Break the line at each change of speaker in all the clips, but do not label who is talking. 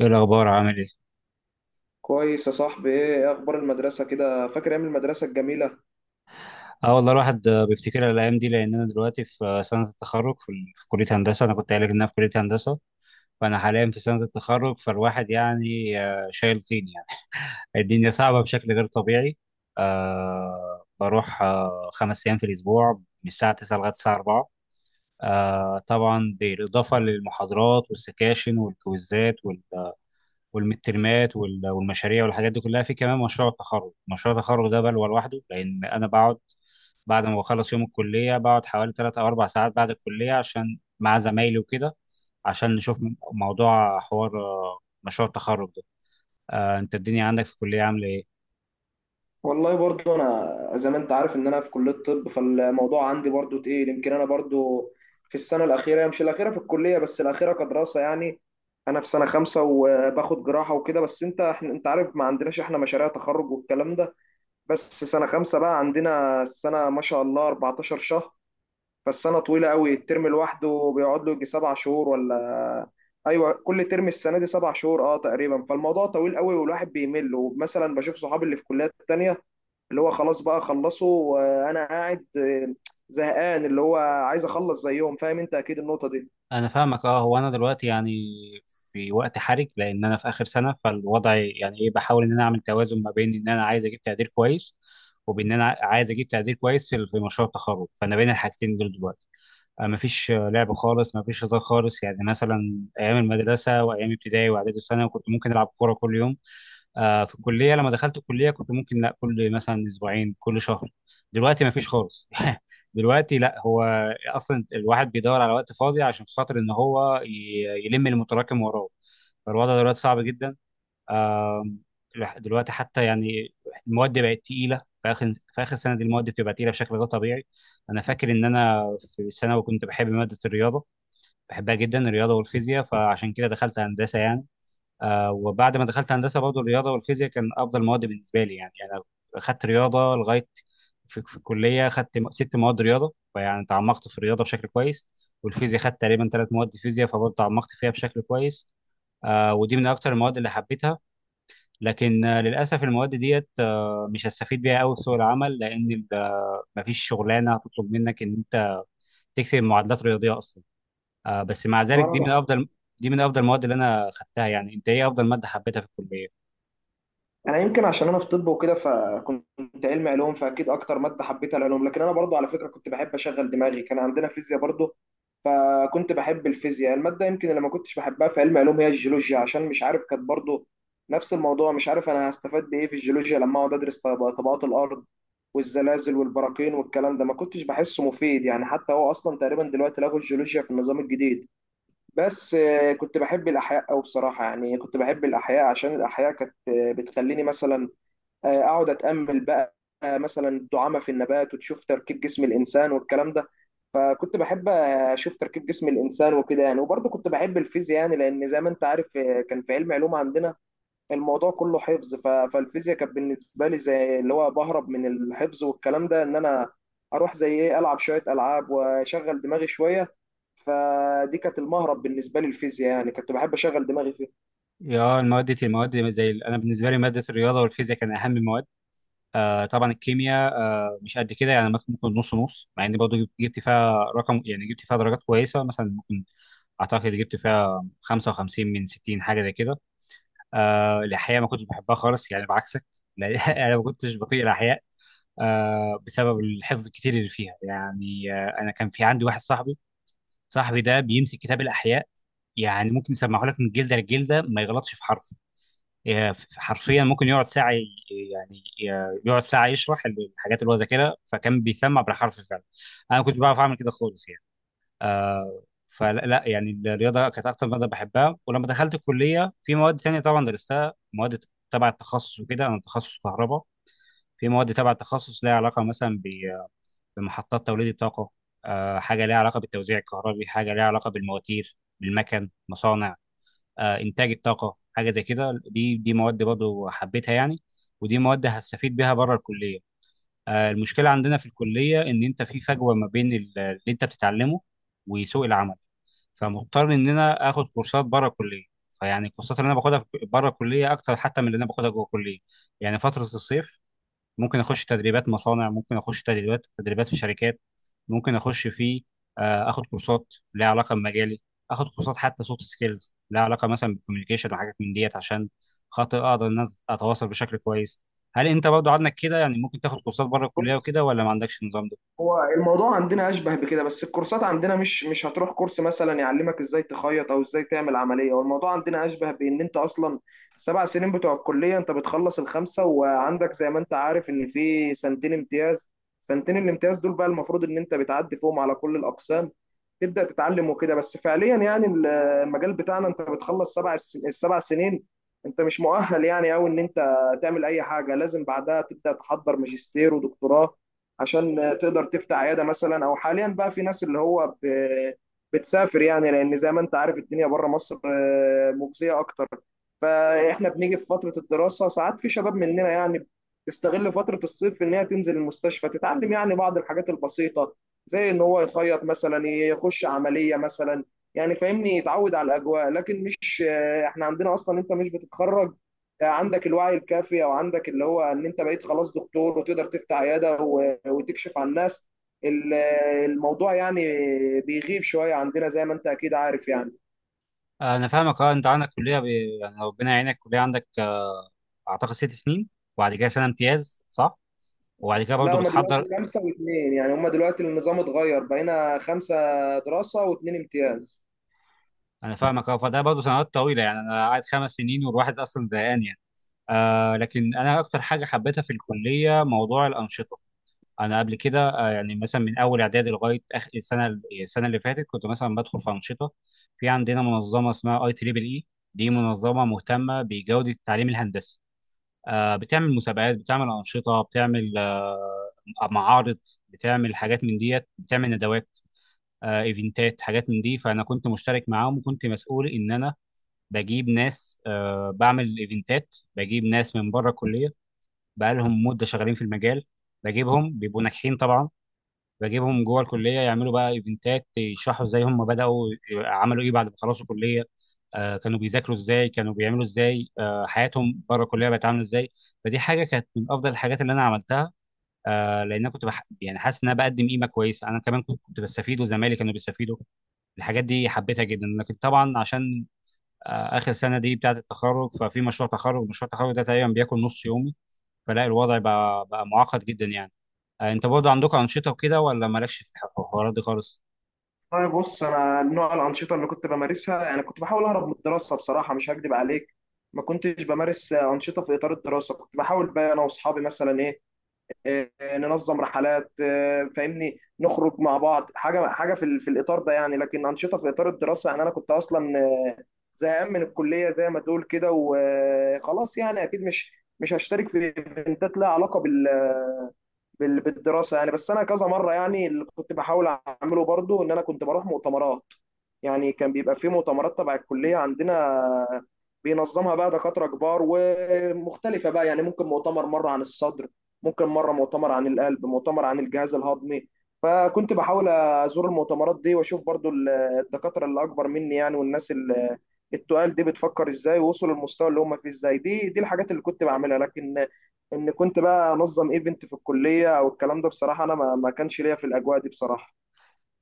ايه الاخبار عامل ايه؟
كويس يا صاحبي. إيه اخبار المدرسه؟ كده فاكر ايام المدرسه الجميله؟
اه والله الواحد بيفتكر الايام دي لان انا دلوقتي في سنه التخرج في كليه هندسه. انا كنت قايل لك ان انا في كليه هندسه، فانا حاليا في سنه التخرج. فالواحد يعني شايل طين يعني. الدنيا صعبه بشكل غير طبيعي. أه بروح أه خمس ايام في الاسبوع، من الساعه 9 لغايه الساعه 4. أه طبعا بالاضافه للمحاضرات والسكاشن والكويزات والمترمات والمشاريع والحاجات دي كلها، في كمان مشروع التخرج. مشروع التخرج ده بلوى لوحده، لان انا بقعد بعد ما بخلص يوم الكلية بقعد حوالي تلات أو أربع ساعات بعد الكلية عشان مع زمايلي وكده، عشان نشوف موضوع حوار مشروع التخرج ده. أنت الدنيا عندك في الكلية عاملة إيه؟
والله برضو انا، زي ما انت عارف، ان انا في كليه طب، فالموضوع عندي برضو تقيل. يمكن انا برضو في السنه الاخيره، مش الاخيره في الكليه بس الاخيره كدراسه يعني. انا في سنه خمسة وباخد جراحه وكده. بس انت عارف، ما عندناش احنا مشاريع تخرج والكلام ده. بس سنه خمسة بقى عندنا السنه ما شاء الله 14 شهر. فالسنة طويلة قوي، الترم لوحده بيقعد له يجي 7 شهور ايوه، كل ترم السنة دي 7 شهور تقريبا. فالموضوع طويل قوي والواحد بيمل، ومثلا بشوف صحابي اللي في كليات تانية اللي هو خلاص بقى خلصوا وانا قاعد زهقان. اللي هو عايز اخلص زيهم. فاهم انت اكيد النقطة دي.
أنا فاهمك. أه هو أنا دلوقتي يعني في وقت حرج، لأن أنا في آخر سنة. فالوضع يعني إيه، بحاول إن أنا أعمل توازن ما بين إن أنا عايز أجيب تقدير كويس، وبإن أنا عايز أجيب تقدير كويس في في مشروع التخرج، فأنا بين الحاجتين دول دلوقتي. مفيش لعب خالص، مفيش هزار خالص. يعني مثلا ايام المدرسه وايام ابتدائي واعدادي وثانوي كنت ممكن العب كوره كل يوم. في الكليه لما دخلت الكليه كنت ممكن لا، كل مثلا اسبوعين كل شهر. دلوقتي مفيش خالص. دلوقتي لا، هو اصلا الواحد بيدور على وقت فاضي عشان خاطر ان هو يلم المتراكم وراه. فالوضع دلوقتي صعب جدا. آم، دلوقتي حتى يعني المواد بقت تقيله. في اخر سنه دي المواد بتبقى تقيله بشكل غير طبيعي. انا فاكر ان انا في ثانوي كنت بحب ماده الرياضه، بحبها جدا الرياضه والفيزياء، فعشان كده دخلت هندسه يعني. آه وبعد ما دخلت هندسه برضه الرياضه والفيزياء كان افضل مواد بالنسبه لي. يعني انا اخدت رياضه لغايه في الكليه، اخدت ست مواد رياضه، فيعني تعمقت في الرياضه بشكل كويس. والفيزياء خدت تقريبا ثلاث مواد فيزياء، فبرضه تعمقت فيها بشكل كويس. آه ودي من اكتر المواد اللي حبيتها. لكن للاسف المواد ديت مش هستفيد بيها قوي في سوق العمل، لان ال- مفيش شغلانه هتطلب منك ان انت تكتب معادلات رياضيه اصلا. بس مع ذلك دي من
اه.
افضل دي من افضل المواد اللي انا خدتها يعني. انت ايه افضل ماده حبيتها في الكليه؟
انا يمكن عشان انا في طب وكده، فكنت علمي علوم، فاكيد اكتر ماده حبيتها العلوم. لكن انا برضو على فكره كنت بحب اشغل دماغي. كان عندنا فيزياء برضو فكنت بحب الفيزياء. الماده يمكن اللي ما كنتش بحبها في علم علوم هي الجيولوجيا، عشان مش عارف كانت برضو نفس الموضوع. مش عارف انا هستفاد بايه في الجيولوجيا لما اقعد ادرس طبقات الارض والزلازل والبراكين والكلام ده. ما كنتش بحسه مفيد يعني. حتى هو اصلا تقريبا دلوقتي لغوا الجيولوجيا في النظام الجديد. بس كنت بحب الأحياء أوي بصراحة. يعني كنت بحب الأحياء عشان الأحياء كانت بتخليني مثلا أقعد أتأمل بقى. مثلا الدعامة في النبات، وتشوف تركيب جسم الإنسان والكلام ده. فكنت بحب أشوف تركيب جسم الإنسان وكده يعني. وبرضه كنت بحب الفيزياء يعني، لأن زي ما أنت عارف كان في علم علوم عندنا الموضوع كله حفظ. فالفيزياء كانت بالنسبه لي زي اللي هو بهرب من الحفظ والكلام ده، ان انا اروح زي ايه العب شويه العاب واشغل دماغي شويه. فدي كانت المهرب بالنسبه لي الفيزياء، يعني كنت بحب اشغل دماغي فيها.
يا المواد زي انا بالنسبه لي ماده الرياضه والفيزياء كان اهم المواد. طبعا الكيمياء مش قد كده يعني، ممكن نص نص، مع اني برضه جبت فيها رقم، يعني جبت فيها درجات كويسه، مثلا ممكن اعتقد جبت فيها 55 من 60 حاجه زي كده. آه الأحياء ما كنتش بحبها خالص يعني، بعكسك. لأن أنا ما كنتش بطيق الأحياء آه بسبب الحفظ الكتير اللي فيها يعني. آه أنا كان في عندي واحد صاحبي، صاحبي ده بيمسك كتاب الأحياء يعني ممكن يسمعه لك من جلدة لجلدة ما يغلطش في حرف. حرفيا ممكن يقعد ساعة يعني يقعد ساعة يشرح الحاجات اللي هو ذاكرها، فكان بيسمع بالحرف فعلا. أنا ما كنتش بعرف أعمل كده خالص يعني. آه، فلا لا يعني الرياضه كانت اكتر ماده بحبها. ولما دخلت الكليه في مواد تانية طبعا درستها، مواد تبع التخصص وكده، انا تخصص كهرباء. في مواد تبع التخصص ليها علاقه مثلا بمحطات توليد الطاقه، آه حاجه ليها علاقه بالتوزيع الكهربي، حاجه ليها علاقه بالمواتير بالمكن مصانع، آه انتاج الطاقه، حاجه زي كده. دي مواد برضه حبيتها يعني، ودي مواد هستفيد بيها بره الكليه. آه المشكله عندنا في الكليه ان انت في فجوه ما بين اللي انت بتتعلمه وسوق العمل، فمضطر ان انا اخد كورسات بره الكليه. فيعني الكورسات اللي انا باخدها بره الكليه اكتر حتى من اللي انا باخدها جوه الكليه. يعني فتره الصيف ممكن اخش تدريبات مصانع، ممكن اخش تدريبات في شركات، ممكن اخش في اخد كورسات ليها علاقه بمجالي، اخد كورسات حتى سوفت سكيلز ليها علاقه مثلا بالكوميونيكيشن وحاجات من ديت، عشان خاطر اقدر ان أنا اتواصل بشكل كويس. هل انت برضو عندك كده يعني، ممكن تاخد كورسات بره الكليه
بص،
وكده، ولا ما عندكش النظام ده؟
هو الموضوع عندنا اشبه بكده. بس الكورسات عندنا مش هتروح كورس مثلا يعلمك ازاي تخيط او ازاي تعمل عمليه. هو الموضوع عندنا اشبه بان انت اصلا، السبع سنين بتوع الكليه انت بتخلص الخمسه، وعندك زي ما انت عارف ان في سنتين امتياز. سنتين الامتياز دول بقى المفروض ان انت بتعدي فيهم على كل الاقسام، تبدا تتعلم وكده. بس فعليا يعني المجال بتاعنا انت بتخلص السبع سنين، انت مش مؤهل يعني قوي ان انت تعمل اي حاجه. لازم بعدها تبدا تحضر ماجستير ودكتوراه عشان تقدر تفتح عياده مثلا. او حاليا بقى في ناس اللي هو بتسافر يعني، لان زي ما انت عارف الدنيا بره مصر مجزيه اكتر. فاحنا بنيجي في فتره الدراسه، ساعات في شباب مننا يعني تستغل فترة الصيف في إن هي تنزل المستشفى تتعلم يعني بعض الحاجات البسيطة، زي ان هو يخيط مثلا، يخش عمليه مثلا. يعني فاهمني، يتعود على الاجواء. لكن مش احنا عندنا اصلا انت مش بتتخرج عندك الوعي الكافي، او عندك اللي هو ان انت بقيت خلاص دكتور وتقدر تفتح عياده وتكشف عن الناس. الموضوع يعني بيغيب شويه عندنا زي ما انت اكيد عارف يعني.
انا فاهمك. اه انت عندك كليه ب... يعني ربنا يعينك، كليه عندك اعتقد ست سنين، وبعد كده سنه امتياز صح؟ وبعد كده برضه
لا، هما دلوقتي
بتحضر.
خمسه واثنين يعني، هما دلوقتي النظام اتغير بقينا خمسه دراسه واثنين امتياز.
انا فاهمك. اه فده برضه سنوات طويله، يعني انا قاعد خمس سنين والواحد اصلا زهقان يعني. آه لكن انا اكتر حاجه حبيتها في الكليه موضوع الانشطه. انا قبل كده آه يعني مثلا من اول اعدادي لغايه اخر السنه، السنه اللي فاتت كنت مثلا بدخل في انشطه. في عندنا منظمه اسمها اي تريبل اي، دي منظمه مهتمه بجوده التعليم الهندسي. آه بتعمل مسابقات، بتعمل انشطه، بتعمل آه معارض، بتعمل حاجات من ديت، بتعمل ندوات، ايفنتات، حاجات من دي. فانا كنت مشترك معاهم وكنت مسؤول ان انا بجيب ناس، بعمل ايفنتات، بجيب ناس من بره الكليه بقالهم مده شغالين في المجال، بجيبهم بيبقوا ناجحين طبعا، بجيبهم جوه الكليه يعملوا بقى ايفنتات يشرحوا ازاي هم بداوا، عملوا ايه بعد ما خلصوا كليه، كانوا بيذاكروا ازاي، كانوا بيعملوا ازاي حياتهم بره الكليه بقت عامله ازاي. فدي حاجه كانت من افضل الحاجات اللي انا عملتها، لان انا كنت بح... يعني حاسس ان انا بقدم قيمه كويسه، انا كمان كنت بستفيد وزمايلي كانوا بيستفيدوا. الحاجات دي حبيتها جدا، لكن طبعا عشان اخر سنه دي بتاعه التخرج ففي مشروع تخرج، مشروع التخرج ده تقريبا بياكل نص يومي. فلا الوضع بقى معقد جدا يعني. انت برضه عندكم انشطه وكده، ولا مالكش في الحوارات دي خالص؟
طيب، بص، انا نوع الانشطه اللي كنت بمارسها، يعني كنت بحاول اهرب من الدراسه بصراحه، مش هكدب عليك. ما كنتش بمارس انشطه في اطار الدراسه. كنت بحاول بقى انا واصحابي مثلا ايه آه، ننظم رحلات، فاهمني، نخرج مع بعض، حاجه حاجه في الاطار ده يعني. لكن انشطه في اطار الدراسه، يعني انا كنت اصلا زهقان من الكليه زي ما تقول كده وخلاص. يعني اكيد مش هشترك في ايفنتات لها علاقه بالدراسه يعني. بس انا كذا مره يعني، اللي كنت بحاول اعمله برضو ان انا كنت بروح مؤتمرات. يعني كان بيبقى في مؤتمرات تبع الكليه عندنا، بينظمها بقى دكاتره كبار ومختلفه. بقى يعني ممكن مؤتمر مره عن الصدر، ممكن مره مؤتمر عن القلب، مؤتمر عن الجهاز الهضمي. فكنت بحاول ازور المؤتمرات دي، واشوف برضو الدكاتره اللي اكبر مني يعني، والناس اللي التقال دي بتفكر ازاي، ووصلوا للمستوى اللي هم فيه ازاي. دي الحاجات اللي كنت بعملها. لكن ان كنت بقى انظم ايفنت في الكليه او الكلام ده، بصراحه انا ما كانش ليا في الاجواء دي بصراحه.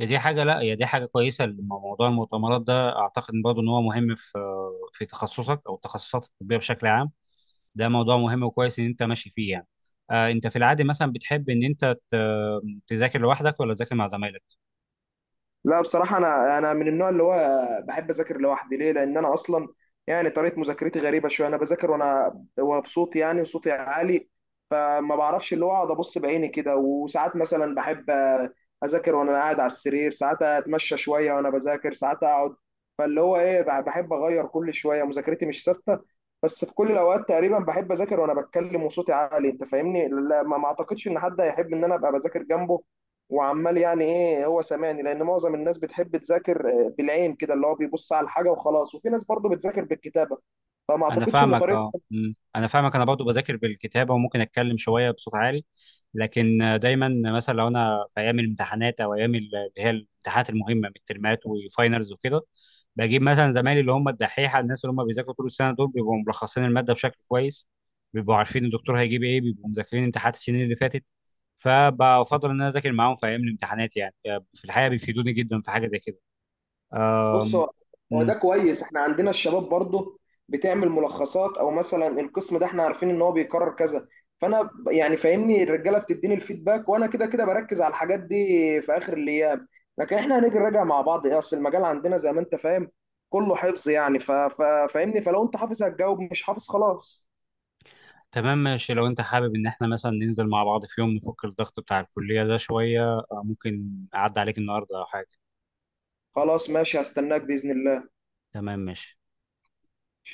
هي دي حاجه، لا هي دي حاجه كويسه. موضوع المؤتمرات ده اعتقد برضه ان هو مهم في في تخصصك او التخصصات الطبيه بشكل عام. ده موضوع مهم وكويس ان انت ماشي فيه يعني. انت في العادي مثلا بتحب ان انت تذاكر لوحدك ولا تذاكر مع زمايلك؟
لا بصراحة أنا من النوع اللي هو بحب أذاكر لوحدي. ليه؟ لأن أنا أصلا يعني طريقة مذاكرتي غريبة شوية. أنا بذاكر وأنا وبصوتي، يعني وصوتي عالي. فما بعرفش اللي هو أقعد أبص بعيني كده. وساعات مثلا بحب أذاكر وأنا قاعد على السرير، ساعات أتمشى شوية وأنا بذاكر، ساعات أقعد. فاللي هو إيه، بحب أغير كل شوية، مذاكرتي مش ثابتة. بس في كل الأوقات تقريبا بحب أذاكر وأنا بتكلم وصوتي عالي. أنت فاهمني؟ لا ما أعتقدش إن حد هيحب إن أنا أبقى بذاكر جنبه وعمال يعني ايه هو سامعني. لان معظم الناس بتحب تذاكر بالعين كده، اللي هو بيبص على الحاجه وخلاص، وفي ناس برضو بتذاكر بالكتابه. فما
انا
اعتقدش ان
فاهمك.
طريقه.
اه انا فاهمك، انا برضو بذاكر بالكتابه وممكن اتكلم شويه بصوت عالي. لكن دايما مثلا لو انا في ايام الامتحانات او ايام اللي هي الامتحانات المهمه، الترمات وفاينلز وكده، بجيب مثلا زمايلي اللي هم الدحيحه، الناس اللي هم بيذاكروا طول السنه دول بيبقوا ملخصين الماده بشكل كويس، بيبقوا عارفين الدكتور هيجيب ايه، بيبقوا مذاكرين امتحانات السنين اللي فاتت. فبفضل ان انا اذاكر معاهم في ايام الامتحانات يعني، في الحقيقه بيفيدوني جدا في حاجه زي كده.
بص، هو
آم،
ده كويس. احنا عندنا الشباب برضو بتعمل ملخصات. او مثلا القسم ده احنا عارفين ان هو بيكرر كذا. فانا يعني فاهمني، الرجاله بتديني الفيدباك وانا كده كده بركز على الحاجات دي في اخر الايام. لكن احنا هنيجي نراجع مع بعض ايه، اصل المجال عندنا زي ما انت فاهم كله حفظ يعني. فاهمني، فلو انت حافظ هتجاوب، مش حافظ خلاص.
تمام ماشي. لو انت حابب ان احنا مثلا ننزل مع بعض في يوم نفك الضغط بتاع الكلية ده شوية، ممكن اعدي عليك النهاردة او حاجة.
خلاص ماشي، هستناك بإذن الله.
تمام ماشي.